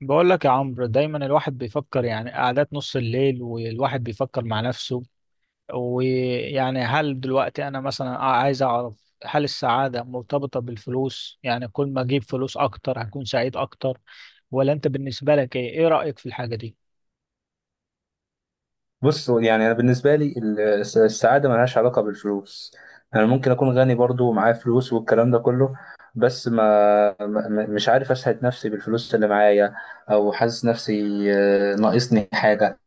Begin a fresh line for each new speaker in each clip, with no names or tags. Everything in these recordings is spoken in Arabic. بقول لك يا عمرو، دايما الواحد بيفكر، قعدات نص الليل والواحد بيفكر مع نفسه. هل دلوقتي انا مثلا عايز اعرف، هل السعادة مرتبطة بالفلوس؟ يعني كل ما اجيب فلوس اكتر هكون سعيد اكتر؟ ولا انت بالنسبة لك ايه رأيك في الحاجة دي؟
بص، هو يعني انا بالنسبه لي السعاده ملهاش علاقه بالفلوس. انا ممكن اكون غني برضو ومعايا فلوس والكلام ده كله، بس مش عارف اسعد نفسي بالفلوس اللي معايا، او حاسس نفسي ناقصني حاجه.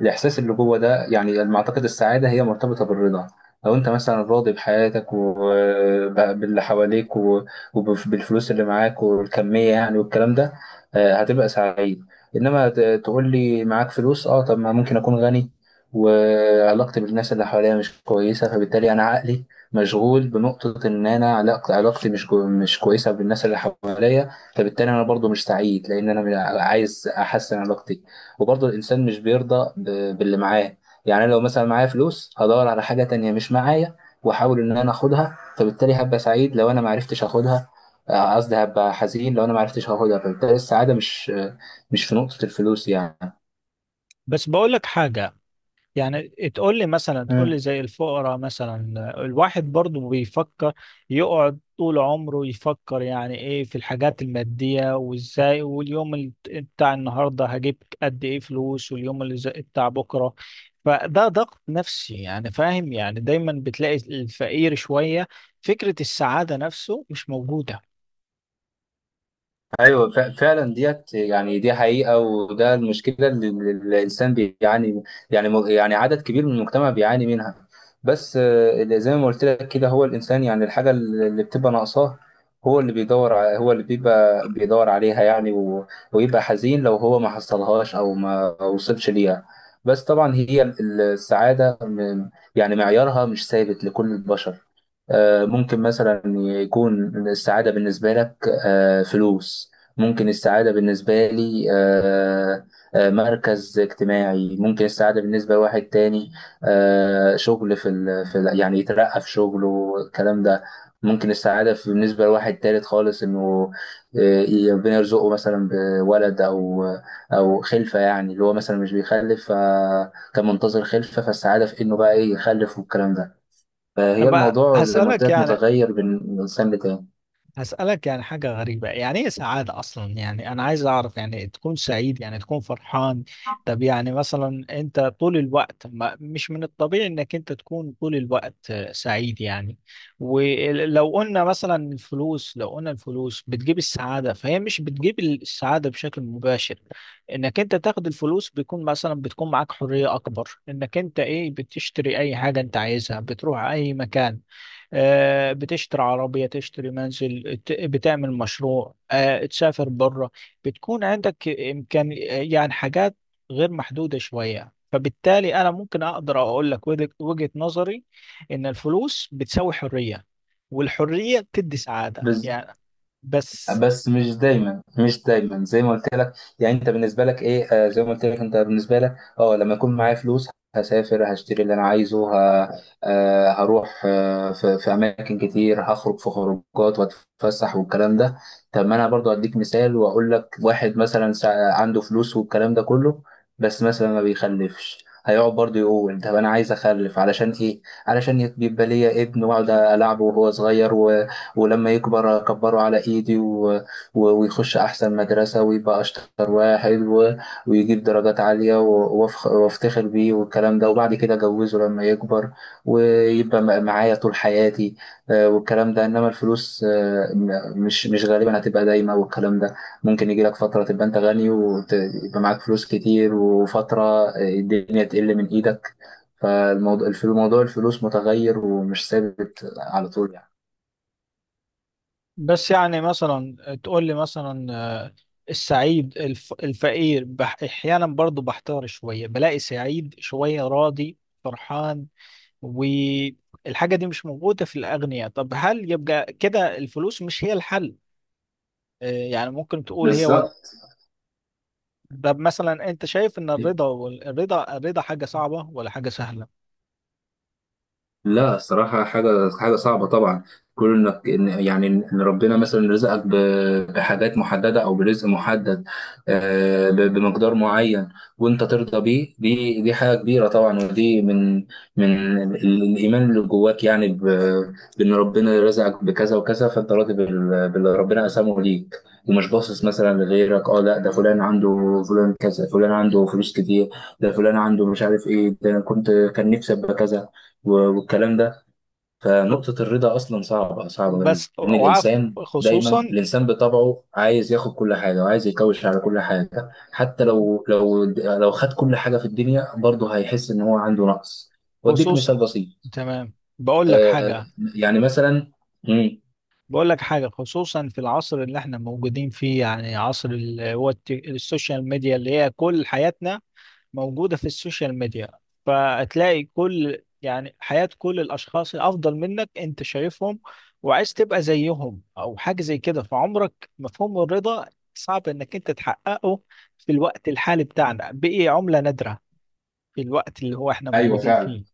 الإحساس اللي جوه ده يعني على ما أعتقد السعادة هي مرتبطة بالرضا. لو أنت مثلا راضي بحياتك وباللي حواليك وبالفلوس اللي معاك والكمية يعني والكلام ده، هتبقى سعيد. إنما ت- تقول لي معاك فلوس، أه طب ما ممكن أكون غني وعلاقتي بالناس اللي حواليا مش كويسة، فبالتالي أنا عقلي مشغول بنقطة إن أنا علاقتي مش كويسة بالناس اللي حواليا، فبالتالي أنا برضو مش سعيد لأن أنا عايز أحسن علاقتي. وبرضه الإنسان مش بيرضى باللي معاه. يعني أنا لو مثلا معايا فلوس هدور على حاجة تانية مش معايا وأحاول إن أنا آخدها، فبالتالي هبقى سعيد لو أنا معرفتش آخدها. آه، قصدي هبقى حزين لو أنا معرفتش آخدها، فبالتالي السعادة مش في نقطة الفلوس يعني.
بس بقول لك حاجة، يعني تقول لي مثلا، تقول لي زي الفقراء مثلا، الواحد برضو بيفكر، يقعد طول عمره يفكر يعني ايه في الحاجات المادية، وازاي، واليوم بتاع النهاردة هجيب قد ايه فلوس، واليوم اللي زي بتاع بكرة. فده ضغط نفسي يعني، فاهم؟ يعني دايما بتلاقي الفقير شوية فكرة السعادة نفسه مش موجودة.
ايوه فعلا ديت، يعني دي حقيقه، وده المشكله اللي الانسان بيعاني، يعني يعني عدد كبير من المجتمع بيعاني منها. بس آه، اللي زي ما قلت لك كده، هو الانسان يعني الحاجه اللي بتبقى ناقصاه هو هو اللي بيبقى بيدور عليها يعني ويبقى حزين لو هو ما حصلهاش او ما وصلش ليها. بس طبعا هي السعاده يعني معيارها مش ثابت لكل البشر. آه، ممكن مثلا يكون السعادة بالنسبة لك آه فلوس، ممكن السعادة بالنسبة لي مركز اجتماعي، ممكن السعادة بالنسبة لواحد تاني آه شغل يعني يترقى في شغله الكلام ده. ممكن السعادة بالنسبة لواحد تالت خالص إنه آه ربنا يرزقه مثلا بولد أو أو خلفة، يعني اللي هو مثلا مش بيخلف فكان منتظر خلفة، فالسعادة في إنه بقى إيه يخلف والكلام ده. فهي
طب
الموضوع زي ما قلت
هسألك
لك
يعني،
متغير بين من إنسان لتاني.
هسألك حاجة غريبة، يعني ايه سعادة أصلا؟ يعني أنا عايز أعرف، يعني تكون سعيد يعني تكون فرحان. طب يعني مثلا أنت طول الوقت، ما مش من الطبيعي إنك أنت تكون طول الوقت سعيد يعني. ولو قلنا مثلا الفلوس، لو قلنا الفلوس بتجيب السعادة، فهي مش بتجيب السعادة بشكل مباشر. إنك أنت تاخد الفلوس، بيكون مثلا بتكون معاك حرية أكبر، إنك أنت إيه، بتشتري أي حاجة أنت عايزها، بتروح أي مكان، بتشتري عربية، تشتري منزل، بتعمل مشروع، تسافر بره، بتكون عندك إمكان يعني، حاجات غير محدودة شوية. فبالتالي أنا ممكن أقدر أقول لك وجهة نظري، إن الفلوس بتساوي حرية، والحرية بتدي سعادة
بس
يعني. بس
بس مش دايما، مش دايما زي ما قلت لك. يعني انت بالنسبه لك ايه، آه زي ما قلت لك انت بالنسبه لك، اه لما يكون معايا فلوس هسافر هشتري اللي انا عايزه آه هروح في اماكن كتير، هخرج في خروجات واتفسح والكلام ده. طب ما انا برضو اديك مثال واقول لك، واحد مثلا عنده فلوس والكلام ده كله، بس مثلا ما بيخلفش، هيقعد برضه يقول طب انا عايز اخلف علشان ايه؟ علشان يبقى ليا ابن واقعد العبه وهو صغير، ولما يكبر كبره على ايدي ويخش احسن مدرسة ويبقى اشطر واحد ويجيب درجات عالية وافتخر بيه والكلام ده، وبعد كده اجوزه لما يكبر ويبقى معايا طول حياتي آه، والكلام ده. انما الفلوس آه، مش غالبا هتبقى دايما والكلام ده. ممكن يجي لك فترة تبقى انت غني ويبقى معاك فلوس كتير، وفترة آه الدنيا تقل من ايدك. فالموضوع موضوع الفلوس متغير ومش ثابت على طول يعني.
بس يعني مثلا، تقول لي مثلا، آه، السعيد، الفقير أحيانا برضو بحتار شوية، بلاقي سعيد شوية، راضي، فرحان، والحاجة دي مش موجودة في الأغنياء. طب هل يبقى كده الفلوس مش هي الحل؟ يعني ممكن تقول هي
بالظبط.
طب مثلا أنت شايف إن الرضا والرضا الرضا الرضا حاجة صعبة ولا حاجة سهلة؟
لا الصراحة حاجة صعبة طبعا. كون يعني ان ربنا مثلا رزقك بحاجات محددة او برزق محدد آه بمقدار معين، وانت ترضى بيه، دي حاجة كبيرة طبعا. ودي من الايمان اللي جواك يعني بان ربنا رزقك بكذا وكذا، فانت راضي باللي ربنا قسمه ليك، ومش باصص مثلا لغيرك. اه لا ده فلان عنده، فلان كذا، فلان عنده فلوس كتير، ده فلان عنده مش عارف ايه، ده انا كنت كان نفسي ابقى كذا و- والكلام ده. فنقطة الرضا أصلا صعبة لأن
بس وعارف،
الإنسان دايما،
خصوصا،
الإنسان بطبعه عايز ياخد كل حاجة وعايز يكوش على كل حاجة، حتى لو لو خد كل حاجة في الدنيا برضه هيحس إن هو عنده نقص. وأديك
خصوصا،
مثال بسيط.
تمام، بقول لك
آه،
حاجة،
يعني مثلا، مم،
بقول لك حاجة، خصوصا في العصر اللي احنا موجودين فيه، يعني عصر السوشيال ميديا، اللي هي كل حياتنا موجودة في السوشيال ميديا. فتلاقي كل يعني حياة كل الأشخاص الأفضل منك، أنت شايفهم وعايز تبقى زيهم، أو حاجة زي كده. فعمرك مفهوم الرضا صعب إنك أنت تحققه في الوقت الحالي بتاعنا، بقي عملة نادرة في الوقت اللي هو إحنا
ايوه
موجودين
فعلا.
فيه.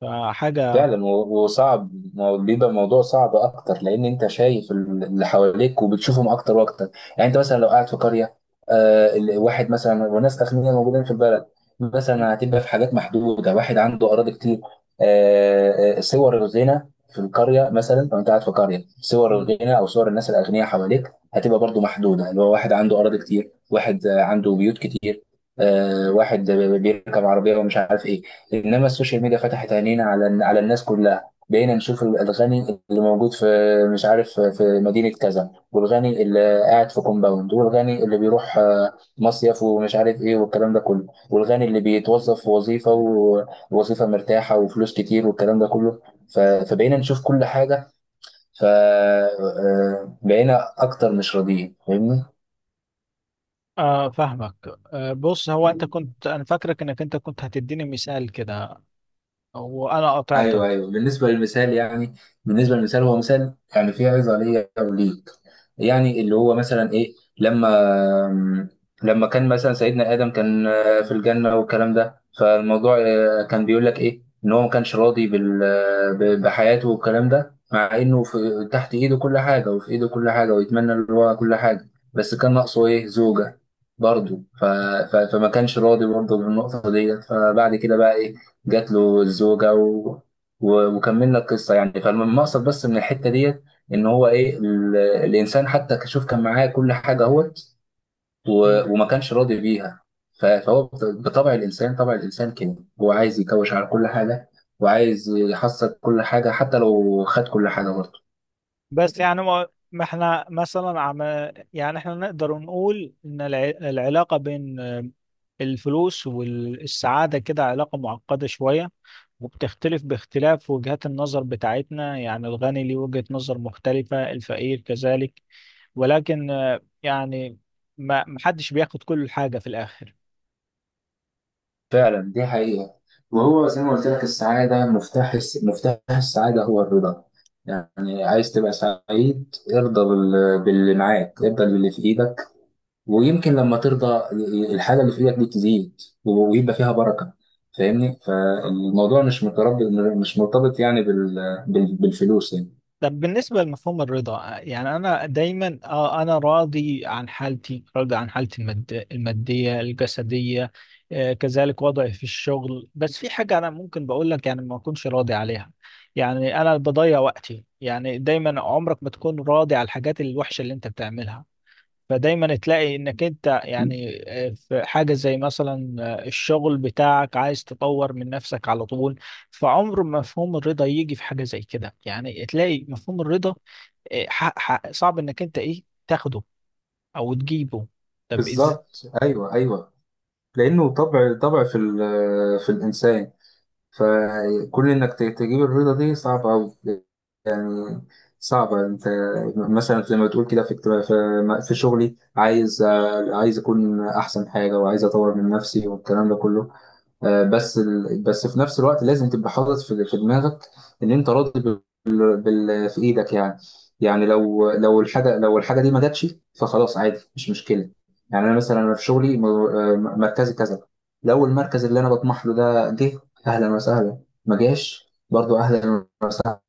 فحاجة،
فعلا وصعب، ما هو بيبقى الموضوع صعب اكتر لان انت شايف اللي حواليك وبتشوفهم اكتر واكتر. يعني انت مثلا لو قاعد في قريه، واحد مثلا وناس اغنياء موجودين في البلد مثلا، هتبقى في حاجات محدوده، واحد عنده اراضي كتير. صور الغنى في القريه، مثلا لو انت قاعد في قريه صور
مم.
الغنى او صور الناس الاغنياء حواليك هتبقى برضو محدوده، اللي هو واحد عنده اراضي كتير، واحد آه عنده بيوت كتير، آه واحد بيركب عربيه ومش عارف ايه. انما السوشيال ميديا فتحت عينينا على الناس كلها، بقينا نشوف الغني اللي موجود في مش عارف في مدينة كذا، والغني اللي قاعد في كومباوند، والغني اللي بيروح آه مصيف ومش عارف ايه والكلام ده كله، والغني اللي بيتوظف في وظيفة ووظيفة مرتاحة وفلوس كتير والكلام ده كله. فبقينا نشوف كل حاجة، فبقينا أكتر مش راضيين.
فاهمك. بص، هو أنت
فاهمني؟
كنت، أنا فاكرك إنك أنت كنت هتديني مثال كده وأنا
ايوه
قطعتك.
ايوه. بالنسبه للمثال يعني، بالنسبه للمثال هو مثال يعني فيه عظه ليا وليك. يعني اللي هو مثلا ايه، لما لما كان مثلا سيدنا ادم كان في الجنه والكلام ده، فالموضوع آه كان بيقول لك ايه، ان هو ما كانش راضي بحياته والكلام ده، مع انه في تحت ايده كل حاجه وفي ايده كل حاجه ويتمنى اللي هو كل حاجه، بس كان ناقصه ايه؟ زوجه برضه. فما كانش راضي برضه بالنقطه ديت، فبعد كده بقى ايه، جات له الزوجة وكملنا القصه يعني. فالمقصد بس من الحته ديت ان هو ايه، الانسان حتى شوف كان معاه كل حاجه اهوت وما كانش راضي بيها. بطبع الانسان، طبع الانسان كده هو عايز يكوش على كل حاجه وعايز يحصل كل حاجه حتى لو خد كل حاجه برضه.
بس يعني ما ما احنا مثلا يعني احنا نقدر نقول ان العلاقة بين الفلوس والسعادة كده علاقة معقدة شوية، وبتختلف باختلاف وجهات النظر بتاعتنا. يعني الغني ليه وجهة نظر مختلفة، الفقير كذلك. ولكن يعني ما محدش بياخد كل حاجة في الآخر.
فعلا دي حقيقه. وهو زي ما قلت لك السعاده، مفتاح السعاده هو الرضا. يعني عايز تبقى سعيد ارضى باللي معاك، ارضى باللي في ايدك، ويمكن لما ترضى الحاجة اللي في ايدك دي تزيد ويبقى فيها بركة. فاهمني، فالموضوع مش مرتبط، مش مرتبط يعني بالفلوس يعني.
طب بالنسبة لمفهوم الرضا، يعني أنا دايما أنا راضي عن حالتي، راضي عن حالتي المادية، الجسدية كذلك وضعي في الشغل. بس في حاجة أنا ممكن بقول لك يعني ما أكونش راضي عليها. يعني أنا بضيع وقتي يعني، دايما عمرك ما تكون راضي على الحاجات الوحشة اللي أنت بتعملها. فدايما تلاقي انك انت يعني، في حاجة زي مثلا الشغل بتاعك، عايز تطور من نفسك على طول. فعمر ما مفهوم الرضا يجي في حاجة زي كده، يعني تلاقي مفهوم الرضا صعب انك انت ايه تاخده او تجيبه. طب از
بالظبط ايوه ايوه. لانه طبع في الانسان، تجيب الرضا دي صعبة أوي. يعني صعبة انت مثلا لما تقول كده في اكتب- في في شغلي، عايز اكون احسن حاجة وعايز اطور من نفسي والكلام ده كله آه، بس في نفس الوقت لازم تبقى حاطط في دماغك ان انت راضي بال... بال... في ايدك يعني. يعني لو الحاجه دي ما جاتش فخلاص عادي مش مشكله. يعني انا مثلا انا في شغلي آه مركزي كذا، لو المركز اللي انا بطمح له ده جه اهلا وسهلا، ما جاش برضو اهلا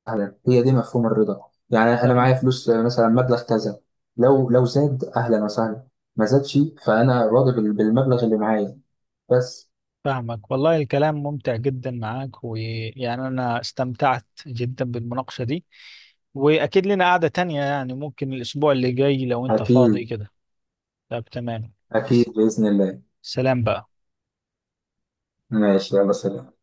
وسهلا، هي دي مفهوم الرضا. يعني انا
تمام،
معايا فلوس آه مثلا مبلغ كذا، لو زاد اهلا وسهلا، ما زادش فانا راضي بالمبلغ اللي معايا بس.
فاهمك. والله الكلام ممتع جدا معاك، ويعني انا استمتعت جدا بالمناقشة دي، واكيد لنا قعدة تانية يعني، ممكن الاسبوع اللي جاي لو انت فاضي
اكيد.
كده. طب تمام.
أكيد
س-
بإذن الله.
سلام بقى.
ماشي يلا سلام.